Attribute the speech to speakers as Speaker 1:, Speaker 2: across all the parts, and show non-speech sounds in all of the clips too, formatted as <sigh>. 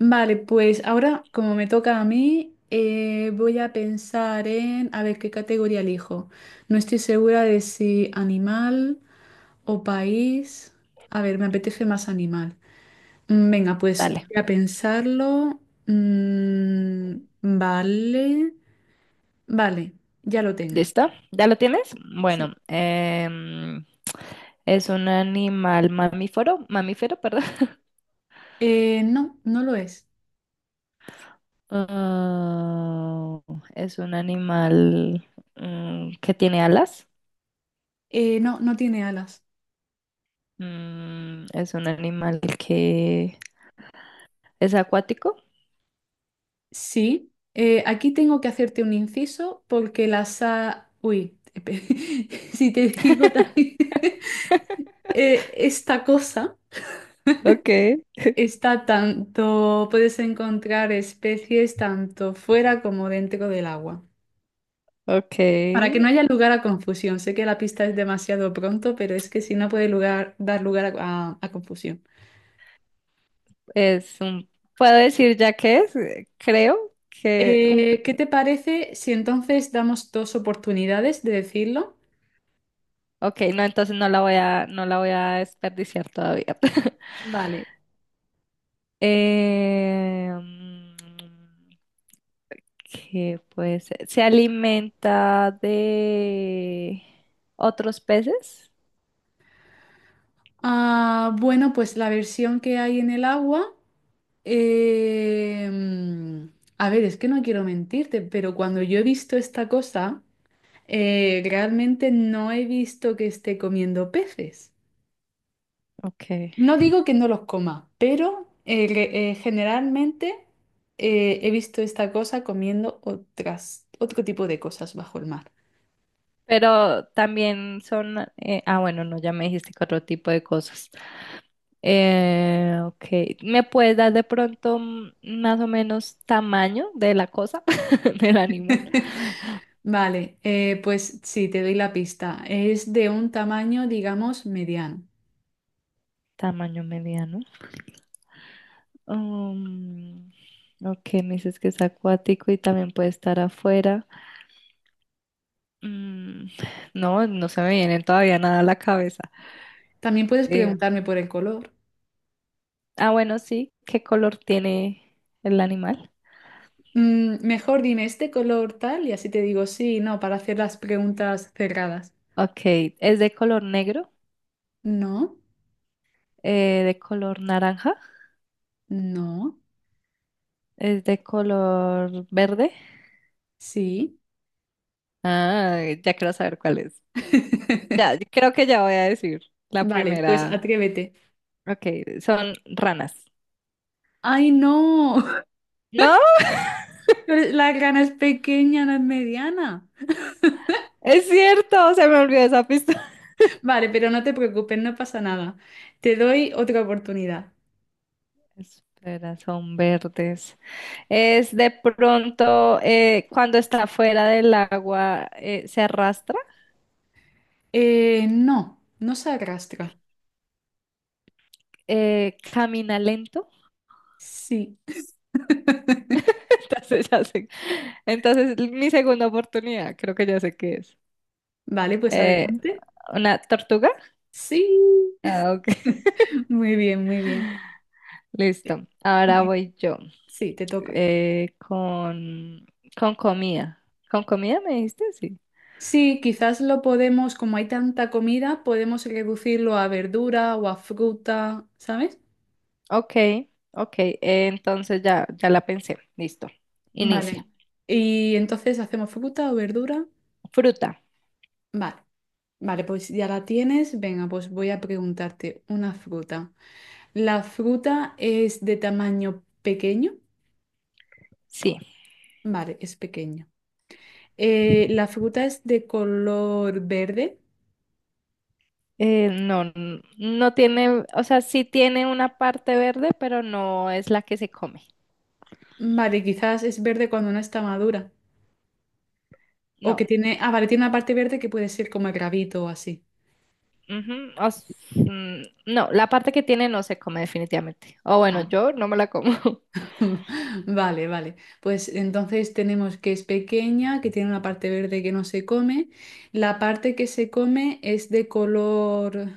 Speaker 1: Vale, pues ahora, como me toca a mí, voy a pensar en, a ver, qué categoría elijo. No estoy segura de si animal o país. A ver, me apetece más animal. Venga, pues
Speaker 2: Dale,
Speaker 1: voy a pensarlo. Mm, vale, vale, ya lo tengo.
Speaker 2: ¿listo? ¿Ya lo tienes?
Speaker 1: Sí.
Speaker 2: Bueno, es un animal mamífero, mamífero, perdón. <laughs>
Speaker 1: No, no lo es.
Speaker 2: Ah, es un animal que tiene alas.
Speaker 1: No, no tiene alas.
Speaker 2: Mm, es un animal que es acuático.
Speaker 1: Sí, aquí tengo que hacerte un inciso porque la sa... Uy, <laughs> si te digo también... <laughs> esta cosa
Speaker 2: Okay,
Speaker 1: está tanto... Puedes encontrar especies tanto fuera como dentro del agua. Para que no
Speaker 2: okay.
Speaker 1: haya lugar a confusión. Sé que la pista es demasiado pronto, pero es que si no puede lugar, dar lugar a confusión.
Speaker 2: Es un, puedo decir ya que es, creo que un, pi-
Speaker 1: ¿Qué te parece si entonces damos dos oportunidades de decirlo?
Speaker 2: okay, no, entonces no la voy a, no la voy a desperdiciar todavía. <laughs>
Speaker 1: Vale.
Speaker 2: Eh, ¿qué puede ser? ¿Se alimenta de otros peces?
Speaker 1: Ah, bueno, pues la versión que hay en el agua, em, a ver, es que no quiero mentirte, pero cuando yo he visto esta cosa, realmente no he visto que esté comiendo peces.
Speaker 2: Ok.
Speaker 1: No digo que no los coma, pero generalmente he visto esta cosa comiendo otras, otro tipo de cosas bajo el mar.
Speaker 2: Pero también son... bueno, no, ya me dijiste que otro tipo de cosas. Ok. ¿Me puedes dar de pronto más o menos tamaño de la cosa, <laughs> del animal?
Speaker 1: Vale, pues sí, te doy la pista. Es de un tamaño, digamos, mediano.
Speaker 2: Tamaño mediano. Um, ok, me dices que es acuático y también puede estar afuera. Mm, no, no se me viene todavía nada a la cabeza.
Speaker 1: También puedes
Speaker 2: Eh,
Speaker 1: preguntarme por el color.
Speaker 2: ah, bueno, sí. ¿Qué color tiene el animal?
Speaker 1: Mm, mejor dime este color tal y así te digo sí, no, para hacer las preguntas cerradas.
Speaker 2: Ok, ¿es de color negro?
Speaker 1: No,
Speaker 2: ¿De color naranja?
Speaker 1: no,
Speaker 2: ¿Es de color verde?
Speaker 1: sí.
Speaker 2: Ah, ya quiero saber cuál es. Ya, creo que ya voy a decir la
Speaker 1: Vale, pues
Speaker 2: primera.
Speaker 1: atrévete.
Speaker 2: Ok, son ranas.
Speaker 1: ¡Ay, no! <laughs>
Speaker 2: ¿No?
Speaker 1: Pero la grana es pequeña, no es mediana.
Speaker 2: Es cierto, se me olvidó esa pista.
Speaker 1: Vale, pero no te preocupes, no pasa nada. Te doy otra oportunidad.
Speaker 2: <laughs> Espera, son verdes. Es de pronto cuando está fuera del agua se arrastra,
Speaker 1: No, no se arrastra.
Speaker 2: camina lento.
Speaker 1: Sí.
Speaker 2: <laughs> Entonces ya sé. Entonces mi segunda oportunidad, creo que ya sé qué es.
Speaker 1: Vale, pues
Speaker 2: Eh,
Speaker 1: adelante.
Speaker 2: ¿Una tortuga?
Speaker 1: Sí.
Speaker 2: Ah, ok. <laughs>
Speaker 1: Muy bien, muy bien.
Speaker 2: Listo. Ahora
Speaker 1: Eh,
Speaker 2: voy yo
Speaker 1: Sí, te toca.
Speaker 2: eh, con, con comida. ¿Con comida me dijiste? Sí.
Speaker 1: Sí, quizás lo podemos, como hay tanta comida, podemos reducirlo a verdura o a fruta, ¿sabes?
Speaker 2: Ok, ok. Entonces ya, ya la pensé. Listo.
Speaker 1: Vale.
Speaker 2: Inicia.
Speaker 1: Y entonces hacemos fruta o verdura.
Speaker 2: Fruta.
Speaker 1: Vale. Vale, pues ya la tienes. Venga, pues voy a preguntarte una fruta. ¿La fruta es de tamaño pequeño?
Speaker 2: Sí.
Speaker 1: Vale, es pequeño. ¿La fruta es de color verde?
Speaker 2: No, n- no tiene, o sea, sí tiene una parte verde, pero no es la que se come.
Speaker 1: Vale, quizás es verde cuando no está madura. O que
Speaker 2: No.
Speaker 1: tiene, ah, vale, tiene una parte verde que puede ser como el rabito o así.
Speaker 2: Ujú, o s- mm, no, la parte que tiene no se come definitivamente. O bueno,
Speaker 1: Vale.
Speaker 2: yo no me la como. <laughs>
Speaker 1: <laughs> Vale, vale. Pues entonces tenemos que es pequeña, que tiene una parte verde que no se come. La parte que se come es de color,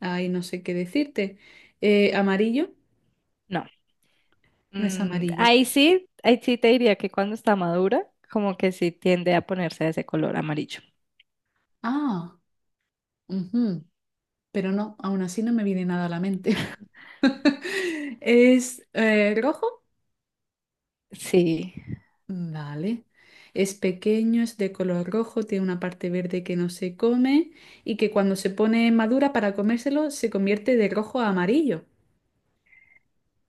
Speaker 1: ay, no sé qué decirte. Amarillo,
Speaker 2: No.
Speaker 1: no es
Speaker 2: Mm,
Speaker 1: amarillo.
Speaker 2: ahí sí te diría que cuando está madura, como que sí tiende a ponerse de ese color amarillo.
Speaker 1: Ah, ujú. Pero no, aún así no me viene nada a la mente. <laughs> ¿Es rojo?
Speaker 2: Sí.
Speaker 1: Vale. Es pequeño, es de color rojo, tiene una parte verde que no se come y que cuando se pone madura para comérselo se convierte de rojo a amarillo.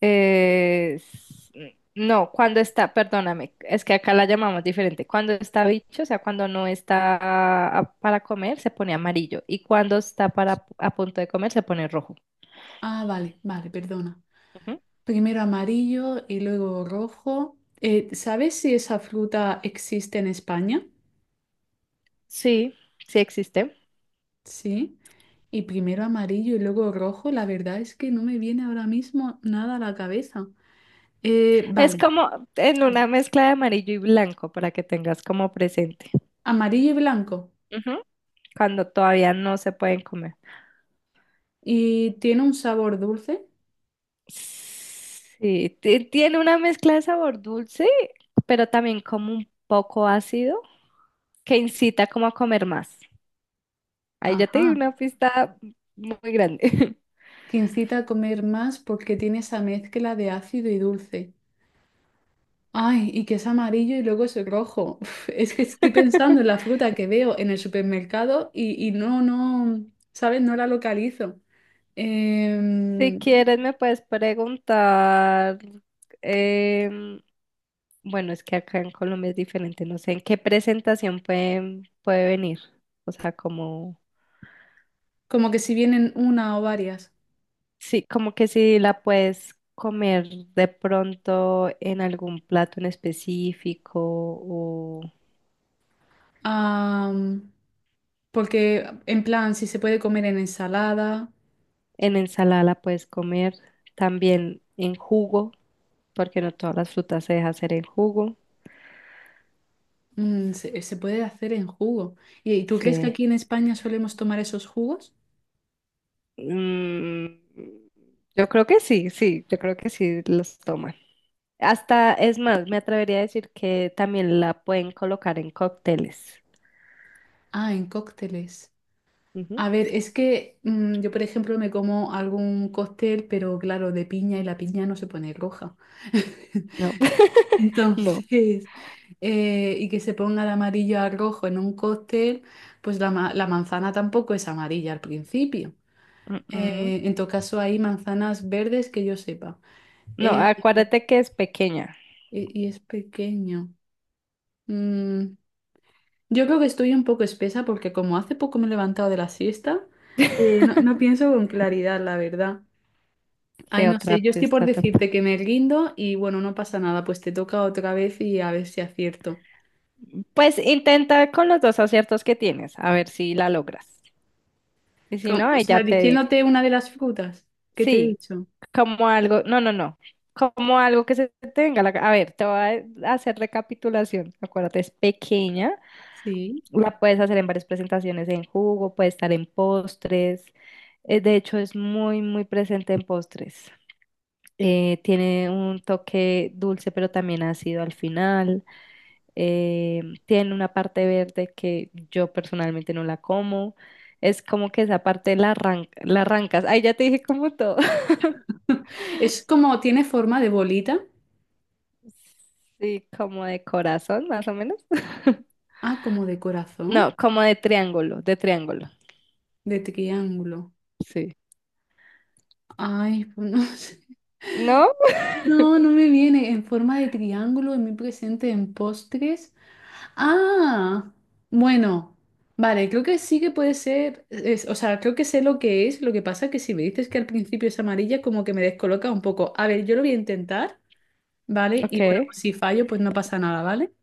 Speaker 2: Eh, s- no, cuando está, perdóname, es que acá la llamamos diferente. Cuando está bicho, o sea, cuando no está a- para comer, se pone amarillo. Y cuando está para a punto de comer, se pone rojo.
Speaker 1: Ah, vale, vale, perdona.
Speaker 2: Ujú.
Speaker 1: Primero amarillo y luego rojo. ¿Sabes si esa fruta existe en España?
Speaker 2: Sí, sí existe.
Speaker 1: Sí. Y primero amarillo y luego rojo. La verdad es que no me viene ahora mismo nada a la cabeza. Eh,
Speaker 2: Es
Speaker 1: vale,
Speaker 2: como en una mezcla de amarillo y blanco para que tengas como presente.
Speaker 1: Amarillo y blanco.
Speaker 2: Ujú. Cuando todavía no se pueden comer.
Speaker 1: ¿Y tiene un sabor dulce?
Speaker 2: Sí, ti- tiene una mezcla de sabor dulce, pero también como un poco ácido, que incita como a comer más. Ahí ya te di
Speaker 1: Ajá,
Speaker 2: una pista muy grande. <laughs>
Speaker 1: que incita a comer más porque tiene esa mezcla de ácido y dulce. Ay, y que es amarillo y luego es rojo. <laughs> Uf, es que estoy pensando en la fruta que veo en el supermercado y no, no, ¿sabes? No la localizo.
Speaker 2: Si
Speaker 1: Em,
Speaker 2: quieres, me puedes preguntar, em, bueno, es que acá en Colombia es diferente, no sé en qué presentación pueden, puede venir, o sea, como...
Speaker 1: como que si vienen una o varias.
Speaker 2: Sí, como que si la puedes comer de pronto en algún plato en específico o
Speaker 1: Am, porque, en plan, si se puede comer en ensalada,
Speaker 2: en ensalada la puedes comer también en jugo, porque no todas las frutas se deja hacer en jugo.
Speaker 1: mm, se puede hacer en jugo. ¿Y tú crees que
Speaker 2: Sí.
Speaker 1: aquí en España solemos tomar esos jugos?
Speaker 2: Mm, yo creo que sí, sí, yo creo que sí los toman. Hasta, es más, me atrevería a decir que también la pueden colocar en cócteles.
Speaker 1: Ah, en cócteles.
Speaker 2: Ujú.
Speaker 1: A ver, es que mm, yo, por ejemplo, me como algún cóctel, pero claro, de piña y la piña no se pone roja.
Speaker 2: No,
Speaker 1: <laughs>
Speaker 2: <laughs> no.
Speaker 1: Entonces, y que se ponga de amarillo a rojo en un cóctel, pues la manzana tampoco es amarilla al principio.
Speaker 2: Mm, mm.
Speaker 1: En todo caso, hay manzanas verdes que yo sepa.
Speaker 2: No,
Speaker 1: Eh,
Speaker 2: acuérdate que es pequeña.
Speaker 1: y es pequeño. Mm, yo creo que estoy un poco espesa porque como hace poco me he levantado de la siesta, no, no
Speaker 2: <laughs>
Speaker 1: pienso con claridad, la verdad. Ay,
Speaker 2: ¿Qué
Speaker 1: no
Speaker 2: otra
Speaker 1: sé, yo estoy por
Speaker 2: pista te puedo-
Speaker 1: decirte que me rindo y bueno, no pasa nada, pues te toca otra vez y a ver si acierto.
Speaker 2: Pues intenta con los dos aciertos que tienes, a ver si la logras. Y si
Speaker 1: Como,
Speaker 2: no,
Speaker 1: o
Speaker 2: ahí ya
Speaker 1: sea,
Speaker 2: te digo.
Speaker 1: diciéndote una de las frutas que te he
Speaker 2: Sí,
Speaker 1: dicho.
Speaker 2: como algo, no, no, no, como algo que se tenga. La- ca- A ver, te voy a hacer recapitulación. Acuérdate, es pequeña,
Speaker 1: Sí.
Speaker 2: la puedes hacer en varias presentaciones en jugo, puede estar en postres. De hecho, es muy, muy presente en postres. Tiene un toque dulce, pero también ácido al final. Tiene una parte verde que yo personalmente no la como. Es como que esa parte la, arran- la arrancas. Ay, ya te dije como todo. <laughs>
Speaker 1: Es como, tiene forma de bolita.
Speaker 2: Sí, como de corazón, más o menos. <laughs>
Speaker 1: Ah, como de corazón,
Speaker 2: No, como de triángulo, de triángulo.
Speaker 1: de triángulo.
Speaker 2: Sí.
Speaker 1: Ay, pues no <laughs> sé.
Speaker 2: ¿No?
Speaker 1: No, no me viene en forma de triángulo en mi presente en postres. Ah, bueno, vale, creo que sí que puede ser, es- o sea, creo que sé lo que es, lo que pasa que si me dices que al principio es amarilla, como que me descoloca un poco. A ver, yo lo voy a intentar, ¿vale?
Speaker 2: Ok.
Speaker 1: Y bueno, pues si fallo, pues no pasa nada, ¿vale?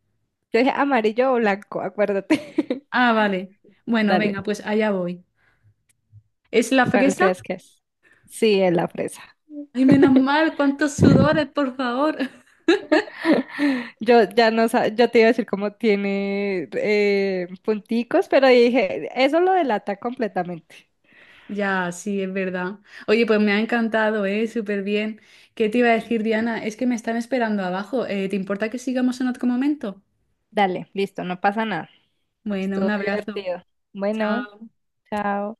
Speaker 2: Yo dije amarillo o blanco, acuérdate.
Speaker 1: Ah, vale.
Speaker 2: <laughs>
Speaker 1: Bueno, venga,
Speaker 2: Dale,
Speaker 1: pues allá voy. ¿Es la
Speaker 2: ¿cuál
Speaker 1: fresa?
Speaker 2: crees que es? Sí, es la fresa.
Speaker 1: Ay, menos mal, cuántos sudores, por favor. <laughs>
Speaker 2: Yo ya no sa- yo te iba a decir cómo tiene punticos, pero dije, eso lo delata completamente.
Speaker 1: Ya, sí, es verdad. Oye, pues me ha encantado, ¿eh? Súper bien. ¿Qué te iba a decir, Diana? Es que me están esperando abajo. ¿Te importa que sigamos en otro momento?
Speaker 2: Dale, listo, no pasa nada.
Speaker 1: Bueno, un
Speaker 2: Estuvo
Speaker 1: abrazo.
Speaker 2: divertido. Bueno,
Speaker 1: Chao.
Speaker 2: chao.